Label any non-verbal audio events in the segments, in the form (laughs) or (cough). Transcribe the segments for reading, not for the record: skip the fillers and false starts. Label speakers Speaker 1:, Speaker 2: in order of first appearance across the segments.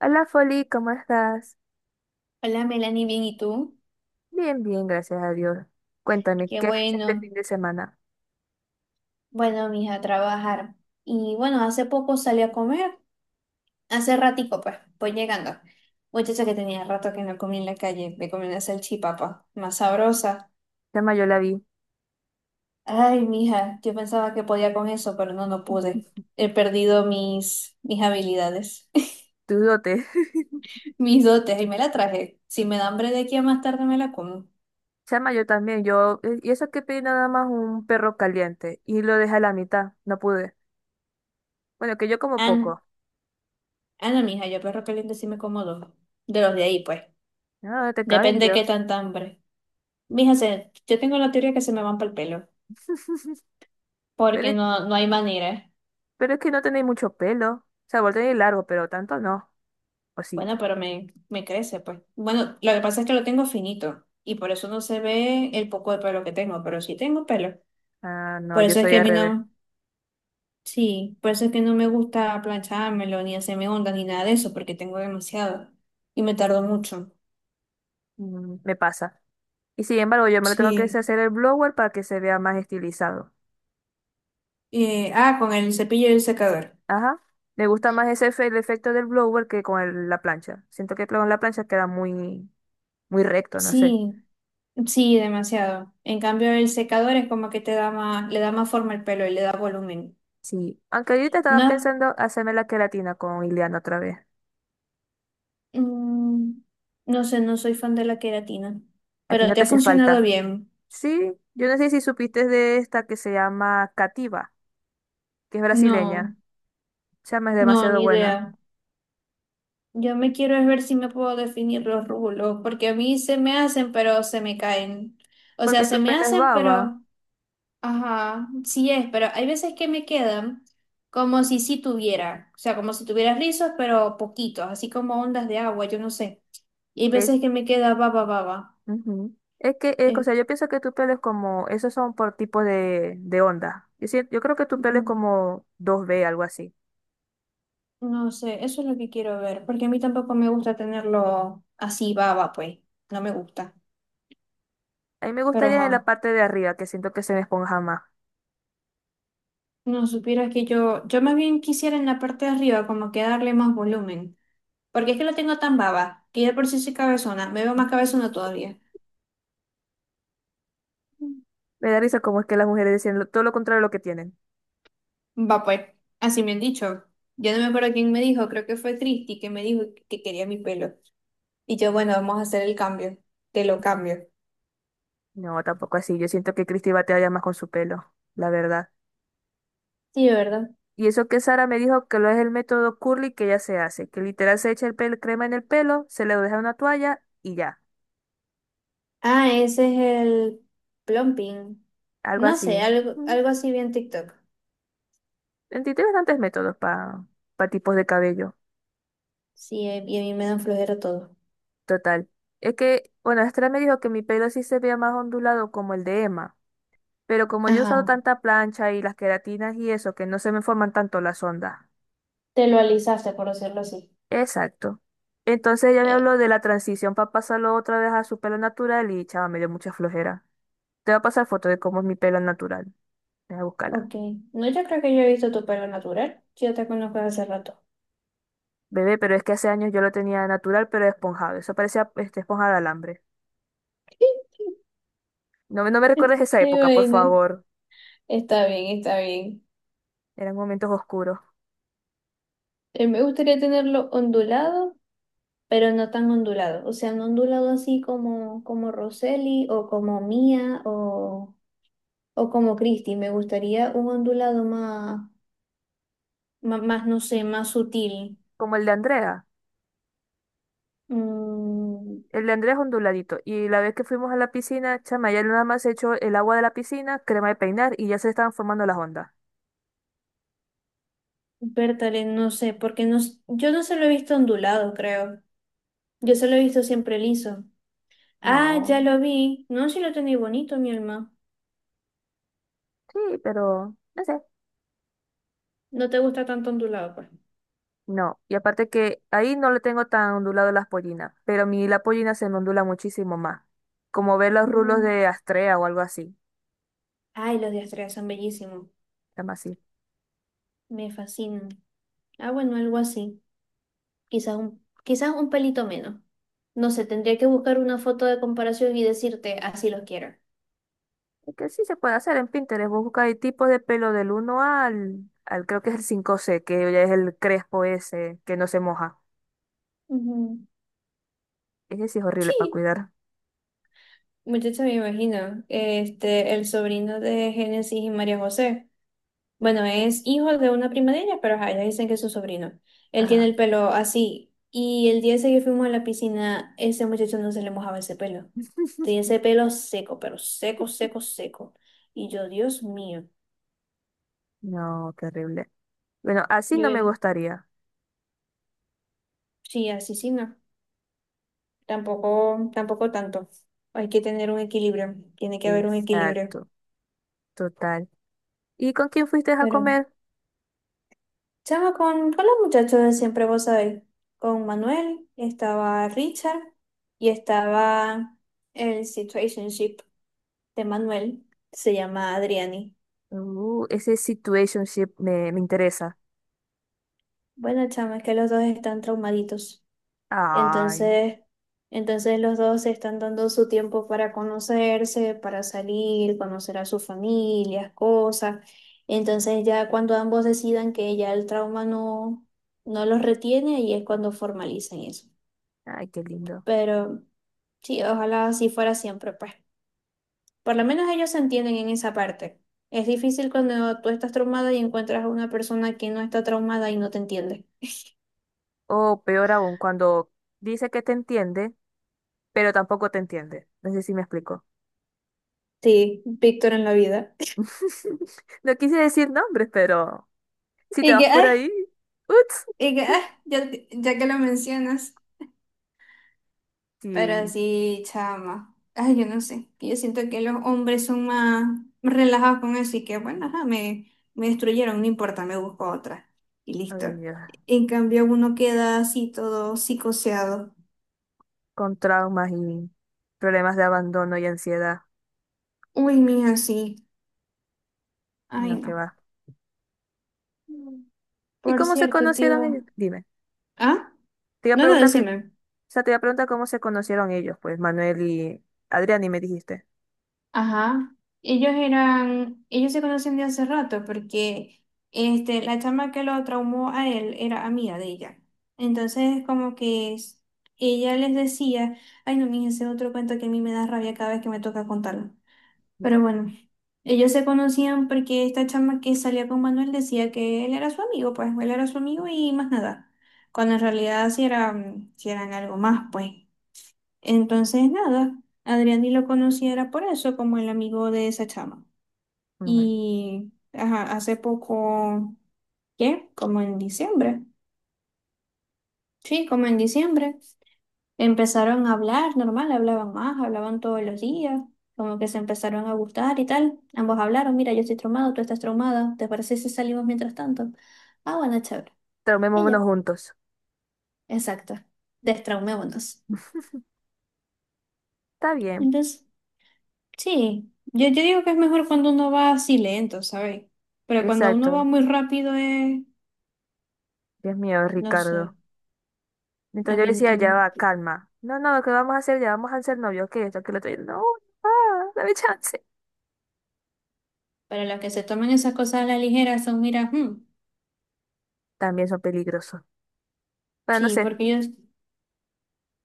Speaker 1: Hola Foli, ¿cómo estás?
Speaker 2: Hola Melanie, bien, ¿y tú?
Speaker 1: Bien, bien, gracias a Dios. Cuéntame,
Speaker 2: Qué
Speaker 1: ¿qué has hecho este
Speaker 2: bueno.
Speaker 1: fin de semana?
Speaker 2: Bueno, mija, a trabajar. Y bueno, hace poco salí a comer. Hace ratico, pues, voy llegando. Muchacha que tenía rato que no comí en la calle. Me comí una salchipapa, más sabrosa.
Speaker 1: Chama, yo la vi.
Speaker 2: Ay, mija, yo pensaba que podía con eso, pero no, no pude. He perdido mis habilidades,
Speaker 1: Tu dote. (laughs)
Speaker 2: (laughs) mis dotes, y me la traje. Si me da hambre de aquí a más tarde me la como.
Speaker 1: Chama, yo también. Yo, y eso que pedí nada más un perro caliente y lo dejé a la mitad. No pude. Bueno, que yo como
Speaker 2: Ana,
Speaker 1: poco.
Speaker 2: Ana, mija, yo perro caliente sí me como dos. De los de ahí, pues.
Speaker 1: No, te caben,
Speaker 2: Depende de
Speaker 1: Dios.
Speaker 2: qué tanta hambre. Mija, yo tengo la teoría que se me van para el pelo, porque
Speaker 1: Pero,
Speaker 2: no hay manera.
Speaker 1: pero es que no tenéis mucho pelo. O sea, vos tenéis largo, pero tanto no. ¿O sí?
Speaker 2: Bueno, pero me crece, pues. Bueno, lo que pasa es que lo tengo finito y por eso no se ve el poco de pelo que tengo, pero sí tengo pelo.
Speaker 1: Ah, no,
Speaker 2: Por
Speaker 1: yo
Speaker 2: eso es
Speaker 1: soy
Speaker 2: que a
Speaker 1: al
Speaker 2: mí
Speaker 1: revés.
Speaker 2: no, sí, por eso es que no me gusta planchármelo, ni hacerme ondas, ni nada de eso, porque tengo demasiado y me tardo mucho.
Speaker 1: Mm, me pasa. Y sin embargo, yo me lo tengo que
Speaker 2: Sí.
Speaker 1: hacer el blower para que se vea más estilizado.
Speaker 2: Con el cepillo y el secador.
Speaker 1: Ajá. Me gusta más el efecto del blower que la plancha. Siento que con la plancha queda muy recto, no sé.
Speaker 2: Sí, sí, demasiado. En cambio, el secador es como que te da más, le da más forma al pelo y le da volumen.
Speaker 1: Sí. Aunque ahorita estaba
Speaker 2: No,
Speaker 1: pensando hacerme la queratina con Ileana otra vez.
Speaker 2: mm, no sé, no soy fan de la queratina,
Speaker 1: A ti
Speaker 2: pero
Speaker 1: no
Speaker 2: te
Speaker 1: te
Speaker 2: ha
Speaker 1: hace
Speaker 2: funcionado
Speaker 1: falta.
Speaker 2: bien.
Speaker 1: Sí, yo no sé si supiste de esta que se llama Cativa, que es brasileña.
Speaker 2: No,
Speaker 1: Chama, es
Speaker 2: no,
Speaker 1: demasiado
Speaker 2: ni
Speaker 1: buena.
Speaker 2: idea. Yo me quiero es ver si me puedo definir los rulos, porque a mí se me hacen, pero se me caen. O sea,
Speaker 1: Porque
Speaker 2: se
Speaker 1: tu
Speaker 2: me
Speaker 1: pelo es
Speaker 2: hacen,
Speaker 1: baba.
Speaker 2: ajá, sí es, pero hay veces que me quedan como si sí tuviera, o sea, como si tuviera rizos, pero poquitos, así como ondas de agua, yo no sé. Y hay
Speaker 1: Es.
Speaker 2: veces que me queda baba, baba.
Speaker 1: Ujú. Es que, o sea, yo pienso que tu pelo es como. Esos son por tipo de onda. Yo creo que tu
Speaker 2: Eh,
Speaker 1: pelo es como dos b, algo así.
Speaker 2: No sé, eso es lo que quiero ver, porque a mí tampoco me gusta tenerlo así baba, pues, no me gusta.
Speaker 1: A mí me
Speaker 2: Pero
Speaker 1: gustaría en la
Speaker 2: ajá,
Speaker 1: parte de arriba, que siento que se me esponja más.
Speaker 2: no supieras que yo más bien quisiera en la parte de arriba como que darle más volumen, porque es que lo tengo tan baba, que ya de por sí soy cabezona, me veo más cabezona todavía.
Speaker 1: Me da risa como es que las mujeres dicen todo lo contrario de lo que tienen.
Speaker 2: Va pues, así me han dicho. Yo no me acuerdo quién me dijo, creo que fue Cristi que me dijo que quería mi pelo. Y yo, bueno, vamos a hacer el cambio, te lo cambio.
Speaker 1: No, tampoco así. Yo siento que Christy batalla más con su pelo, la verdad.
Speaker 2: Sí, ¿verdad?
Speaker 1: Y eso que Sara me dijo que lo es el método curly que ella se hace, que literal se echa el pelo, crema en el pelo, se le deja una toalla y ya.
Speaker 2: Ah, ese es el plumping.
Speaker 1: Algo
Speaker 2: No
Speaker 1: así.
Speaker 2: sé,
Speaker 1: Ujú.
Speaker 2: algo así bien TikTok.
Speaker 1: En ti tiene bastantes métodos para tipos de cabello.
Speaker 2: Sí, y a mí me dan flojera todo.
Speaker 1: Total. Es que, bueno, Sara me dijo que mi pelo sí se vea más ondulado como el de Emma. Pero como yo he usado
Speaker 2: Ajá.
Speaker 1: tanta plancha y las queratinas y eso, que no se me forman tanto las ondas.
Speaker 2: Te lo alisaste, por decirlo así.
Speaker 1: Exacto. Entonces ella me
Speaker 2: Eh,
Speaker 1: habló de la transición para pasarlo otra vez a su pelo natural y chava, me dio mucha flojera. Te voy a pasar foto de cómo es mi pelo natural. Voy a buscarla.
Speaker 2: ok. No, yo creo que yo he visto tu pelo natural. Yo te conozco desde hace rato.
Speaker 1: Bebé, pero es que hace años yo lo tenía natural, pero esponjado. Eso parecía este, esponja de alambre.
Speaker 2: (laughs)
Speaker 1: No, no me recuerdes esa
Speaker 2: Ay,
Speaker 1: época, por
Speaker 2: bueno.
Speaker 1: favor.
Speaker 2: Está bien, está bien.
Speaker 1: Eran momentos oscuros.
Speaker 2: Me gustaría tenerlo ondulado, pero no tan ondulado. O sea, no ondulado así como, como Roseli o como Mía o como Christy. Me gustaría un ondulado más. Más, no sé, más sutil.
Speaker 1: Como el de Andrea.
Speaker 2: Mm,
Speaker 1: El de Andrés onduladito. Y la vez que fuimos a la piscina, chama, ya nada más se echó el agua de la piscina, crema de peinar y ya se estaban formando las ondas.
Speaker 2: Bertale, no sé, porque yo no se lo he visto ondulado, creo. Yo se lo he visto siempre liso. Ah, ya
Speaker 1: No,
Speaker 2: lo vi. No, si lo tenéis bonito, mi alma.
Speaker 1: sí, pero no sé.
Speaker 2: No te gusta tanto ondulado, pues.
Speaker 1: No, y aparte que ahí no le tengo tan ondulado las pollinas, pero a mí la pollina se me ondula muchísimo más. Como ver los rulos
Speaker 2: Ujú.
Speaker 1: de Astrea o algo así,
Speaker 2: Ay, los diastregas son bellísimos.
Speaker 1: llama así.
Speaker 2: Me fascinan. Ah, bueno, algo así. Quizás un pelito menos. No sé, tendría que buscar una foto de comparación y decirte, así los quiero.
Speaker 1: Es que sí se puede hacer en Pinterest, vos buscáis tipos de pelo del uno al, creo que es el cinco c, que ya es el crespo ese, que no se moja.
Speaker 2: Ujú.
Speaker 1: Ese sí es horrible para
Speaker 2: Sí.
Speaker 1: cuidar.
Speaker 2: Muchacha, me imagino, este, el sobrino de Génesis y María José. Bueno, es hijo de una prima de ella, pero ajá, ellas dicen que es su sobrino. Él tiene
Speaker 1: Ajá.
Speaker 2: el pelo así. Y el día ese que fuimos a la piscina, ese muchacho no se le mojaba ese pelo.
Speaker 1: (laughs)
Speaker 2: Tenía ese pelo seco, pero seco, seco, seco. Y yo, Dios mío.
Speaker 1: No, terrible. Bueno, así
Speaker 2: Yo,
Speaker 1: no me gustaría.
Speaker 2: sí, así sí, no. Tampoco, tampoco tanto. Hay que tener un equilibrio. Tiene que haber un equilibrio.
Speaker 1: Exacto, total. ¿Y con quién fuiste a
Speaker 2: Pero
Speaker 1: comer?
Speaker 2: chama con los muchachos de siempre, vos sabéis. Con Manuel, estaba Richard y estaba el situationship de Manuel. Se llama Adriani.
Speaker 1: Ese situationship me interesa.
Speaker 2: Bueno, chama, es que los dos están traumaditos.
Speaker 1: Ay,
Speaker 2: Entonces, entonces los dos se están dando su tiempo para conocerse, para salir, conocer a sus familias, cosas. Entonces ya cuando ambos decidan que ya el trauma no los retiene, ahí es cuando formalizan eso.
Speaker 1: ay, qué lindo.
Speaker 2: Pero sí, ojalá así fuera siempre, pues. Por lo menos ellos se entienden en esa parte. Es difícil cuando tú estás traumada y encuentras a una persona que no está traumada y no te entiende.
Speaker 1: O peor aún, cuando dice que te entiende, pero tampoco te entiende. No sé si me explico.
Speaker 2: Sí, Víctor en la vida. (laughs)
Speaker 1: (laughs) No quise decir nombres, pero si te
Speaker 2: Y que,
Speaker 1: vas por ahí,
Speaker 2: ay,
Speaker 1: ups.
Speaker 2: y que, ay, ya, ya que lo mencionas. Pero
Speaker 1: Sí,
Speaker 2: sí, chama. Ay, yo no sé. Yo siento que los hombres son más relajados con eso y que, bueno, ajá, me destruyeron, no importa, me busco otra. Y listo.
Speaker 1: ay, Dios.
Speaker 2: En cambio, uno queda así todo psicoseado.
Speaker 1: Con traumas y problemas de abandono y ansiedad.
Speaker 2: Uy, mija, sí. Ay,
Speaker 1: No, que
Speaker 2: no.
Speaker 1: va. ¿Y
Speaker 2: Por
Speaker 1: cómo se
Speaker 2: cierto,
Speaker 1: conocieron
Speaker 2: tío.
Speaker 1: ellos? Dime.
Speaker 2: ¿Ah?
Speaker 1: Te iba a
Speaker 2: No, no,
Speaker 1: preguntar que, o
Speaker 2: decime.
Speaker 1: sea, te iba a preguntar cómo se conocieron ellos, pues Manuel y Adrián, y me dijiste.
Speaker 2: Ajá. Ellos se conocen de hace rato porque la chama que lo traumó a él era amiga de ella. Entonces, ella les decía, ay, no, mija, ese es otro cuento que a mí me da rabia cada vez que me toca contarlo. Pero bueno, ellos se conocían porque esta chama que salía con Manuel decía que él era su amigo, pues él era su amigo y más nada. Cuando en realidad sí, sí eran algo más, pues. Entonces, nada, Adrián ni lo conocía era por eso, como el amigo de esa chama.
Speaker 1: Ujú.
Speaker 2: Y ajá, hace poco, ¿qué? Como en diciembre. Sí, como en diciembre. Empezaron a hablar, normal, hablaban más, hablaban todos los días, como que se empezaron a gustar y tal. Ambos hablaron, mira, yo estoy traumado, tú estás traumada, ¿te parece si salimos mientras tanto? Ah, bueno, chévere. Y
Speaker 1: Tomémonos
Speaker 2: ya,
Speaker 1: juntos.
Speaker 2: exacto. Destraumémonos.
Speaker 1: Está bien,
Speaker 2: Entonces, sí, yo digo que es mejor cuando uno va así lento, ¿sabes? Pero cuando uno va
Speaker 1: exacto.
Speaker 2: muy rápido es,
Speaker 1: Dios mío,
Speaker 2: no
Speaker 1: Ricardo.
Speaker 2: sé,
Speaker 1: Mientras
Speaker 2: a
Speaker 1: yo
Speaker 2: mí, a
Speaker 1: decía, ya
Speaker 2: mí-
Speaker 1: va, calma. No, no, ¿qué vamos a hacer? Ya vamos a ser novios, que esto, que lo otro. Y, yo, no, ah, dame chance.
Speaker 2: para los que se toman esas cosas a la ligera son, mira, hmm,
Speaker 1: También son peligrosos. Pero no
Speaker 2: sí,
Speaker 1: sé,
Speaker 2: porque yo,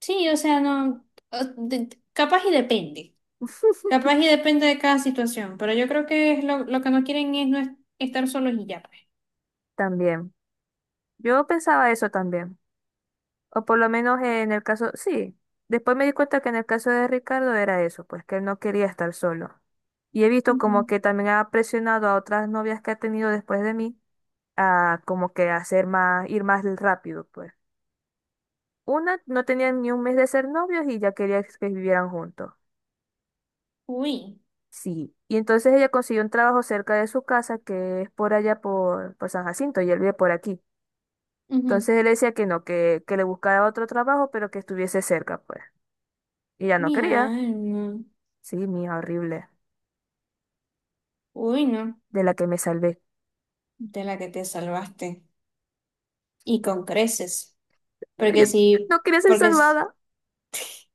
Speaker 2: sí, o sea, no, capaz y depende. Capaz y depende de cada situación, pero yo creo que es lo que no quieren es no es- estar solos y ya, pues.
Speaker 1: también. Yo pensaba eso también. O por lo menos en el caso, sí. Después me di cuenta que en el caso de Ricardo era eso, pues que él no quería estar solo. Y he visto como
Speaker 2: Ujú.
Speaker 1: que también ha presionado a otras novias que ha tenido después de mí a como que hacer más, ir más rápido, pues. Una no tenía ni un mes de ser novios y ya quería que vivieran juntos.
Speaker 2: Uy,
Speaker 1: Sí. Y entonces ella consiguió un trabajo cerca de su casa, que es por allá por San Jacinto, y él vive por aquí.
Speaker 2: ujú.
Speaker 1: Entonces él decía que no, que le buscara otro trabajo, pero que estuviese cerca, pues. Y ella no
Speaker 2: Mi
Speaker 1: quería.
Speaker 2: alma.
Speaker 1: Sí, mía, horrible.
Speaker 2: Uy, no,
Speaker 1: De la que me salvé.
Speaker 2: de la que te salvaste. Y con creces.
Speaker 1: No,
Speaker 2: Porque
Speaker 1: yo
Speaker 2: si,
Speaker 1: no quería ser
Speaker 2: porque es...
Speaker 1: salvada.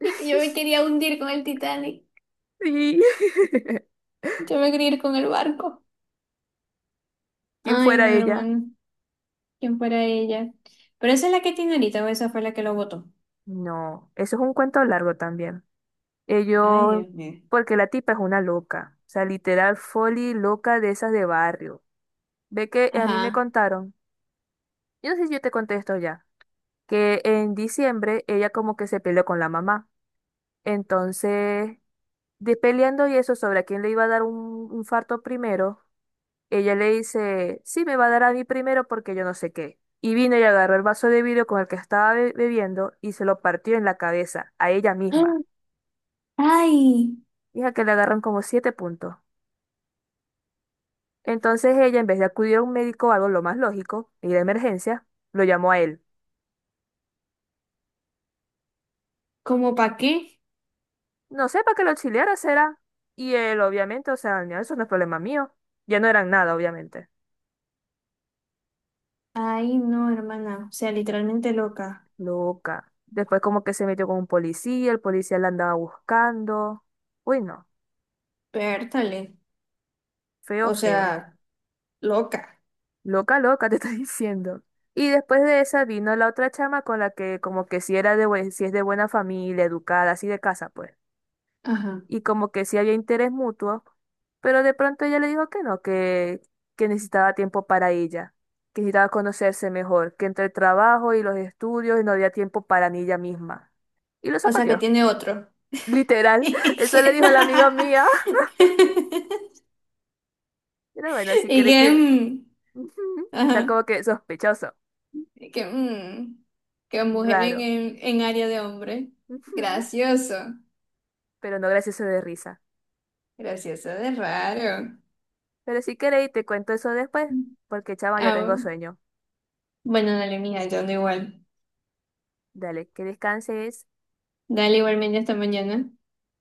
Speaker 2: Y que yo me
Speaker 1: (laughs)
Speaker 2: quería hundir con el Titanic.
Speaker 1: Sí. (laughs)
Speaker 2: Yo me quería ir con el barco.
Speaker 1: ¿Quién
Speaker 2: Ay,
Speaker 1: fuera
Speaker 2: no,
Speaker 1: ella?
Speaker 2: hermano. ¿Quién fuera ella? Pero esa es la que tiene ahorita o esa fue la que lo votó.
Speaker 1: No, eso es un cuento largo también.
Speaker 2: Ay,
Speaker 1: Ellos,
Speaker 2: Dios mío.
Speaker 1: porque la tipa es una loca. O sea, literal, foli loca de esas de barrio. Ve que a mí me
Speaker 2: Ajá.
Speaker 1: contaron, yo no sé si yo te conté esto ya, que en diciembre ella como que se peleó con la mamá. Entonces, de peleando y eso sobre a quién le iba a dar un infarto primero. Ella le dice, sí, me va a dar a mí primero porque yo no sé qué. Y vino y agarró el vaso de vidrio con el que estaba bebiendo y se lo partió en la cabeza, a ella
Speaker 2: (gasps) ¡Ah!
Speaker 1: misma.
Speaker 2: Ay,
Speaker 1: Hija, que le agarran como siete puntos. Entonces ella, en vez de acudir a un médico o algo lo más lógico, ir de emergencia, lo llamó a él.
Speaker 2: ¿cómo para qué?
Speaker 1: No sé, para que lo auxiliara será. Y él, obviamente, o sea, "No, eso no es problema mío. Ya no eran nada, obviamente".
Speaker 2: Ay, no, hermana. O sea, literalmente loca.
Speaker 1: Loca. Después como que se metió con un policía, el policía la andaba buscando. Uy, no.
Speaker 2: Pértale.
Speaker 1: Feo,
Speaker 2: O
Speaker 1: feo.
Speaker 2: sea, loca.
Speaker 1: Loca, loca, (laughs) te estoy diciendo. Y después de esa vino la otra chama con la que como que si era de, si es de buena familia, educada, así de casa, pues.
Speaker 2: Ajá.
Speaker 1: Y como que sí había interés mutuo, pero de pronto ella le dijo que no, que necesitaba tiempo para ella, que necesitaba conocerse mejor, que entre el trabajo y los estudios no había tiempo para ni ella misma. Y lo
Speaker 2: O sea, que
Speaker 1: zapateó,
Speaker 2: tiene otro.
Speaker 1: literal. (laughs) Eso le dijo la amiga mía.
Speaker 2: (laughs)
Speaker 1: (laughs) Pero bueno, si
Speaker 2: Y
Speaker 1: queréis
Speaker 2: que,
Speaker 1: te...
Speaker 2: mm,
Speaker 1: (laughs) Está
Speaker 2: ajá.
Speaker 1: como que sospechoso,
Speaker 2: Y que, mm, que mujer
Speaker 1: raro.
Speaker 2: en área de hombre.
Speaker 1: (laughs)
Speaker 2: Gracioso.
Speaker 1: Pero no gracioso de risa.
Speaker 2: Gracioso de raro.
Speaker 1: Pero si queréis, te cuento eso después, porque chama, ya tengo
Speaker 2: Ah,
Speaker 1: sueño.
Speaker 2: bueno, dale, mija, yo ando igual.
Speaker 1: Dale, que descanses.
Speaker 2: Dale igualmente hasta mañana.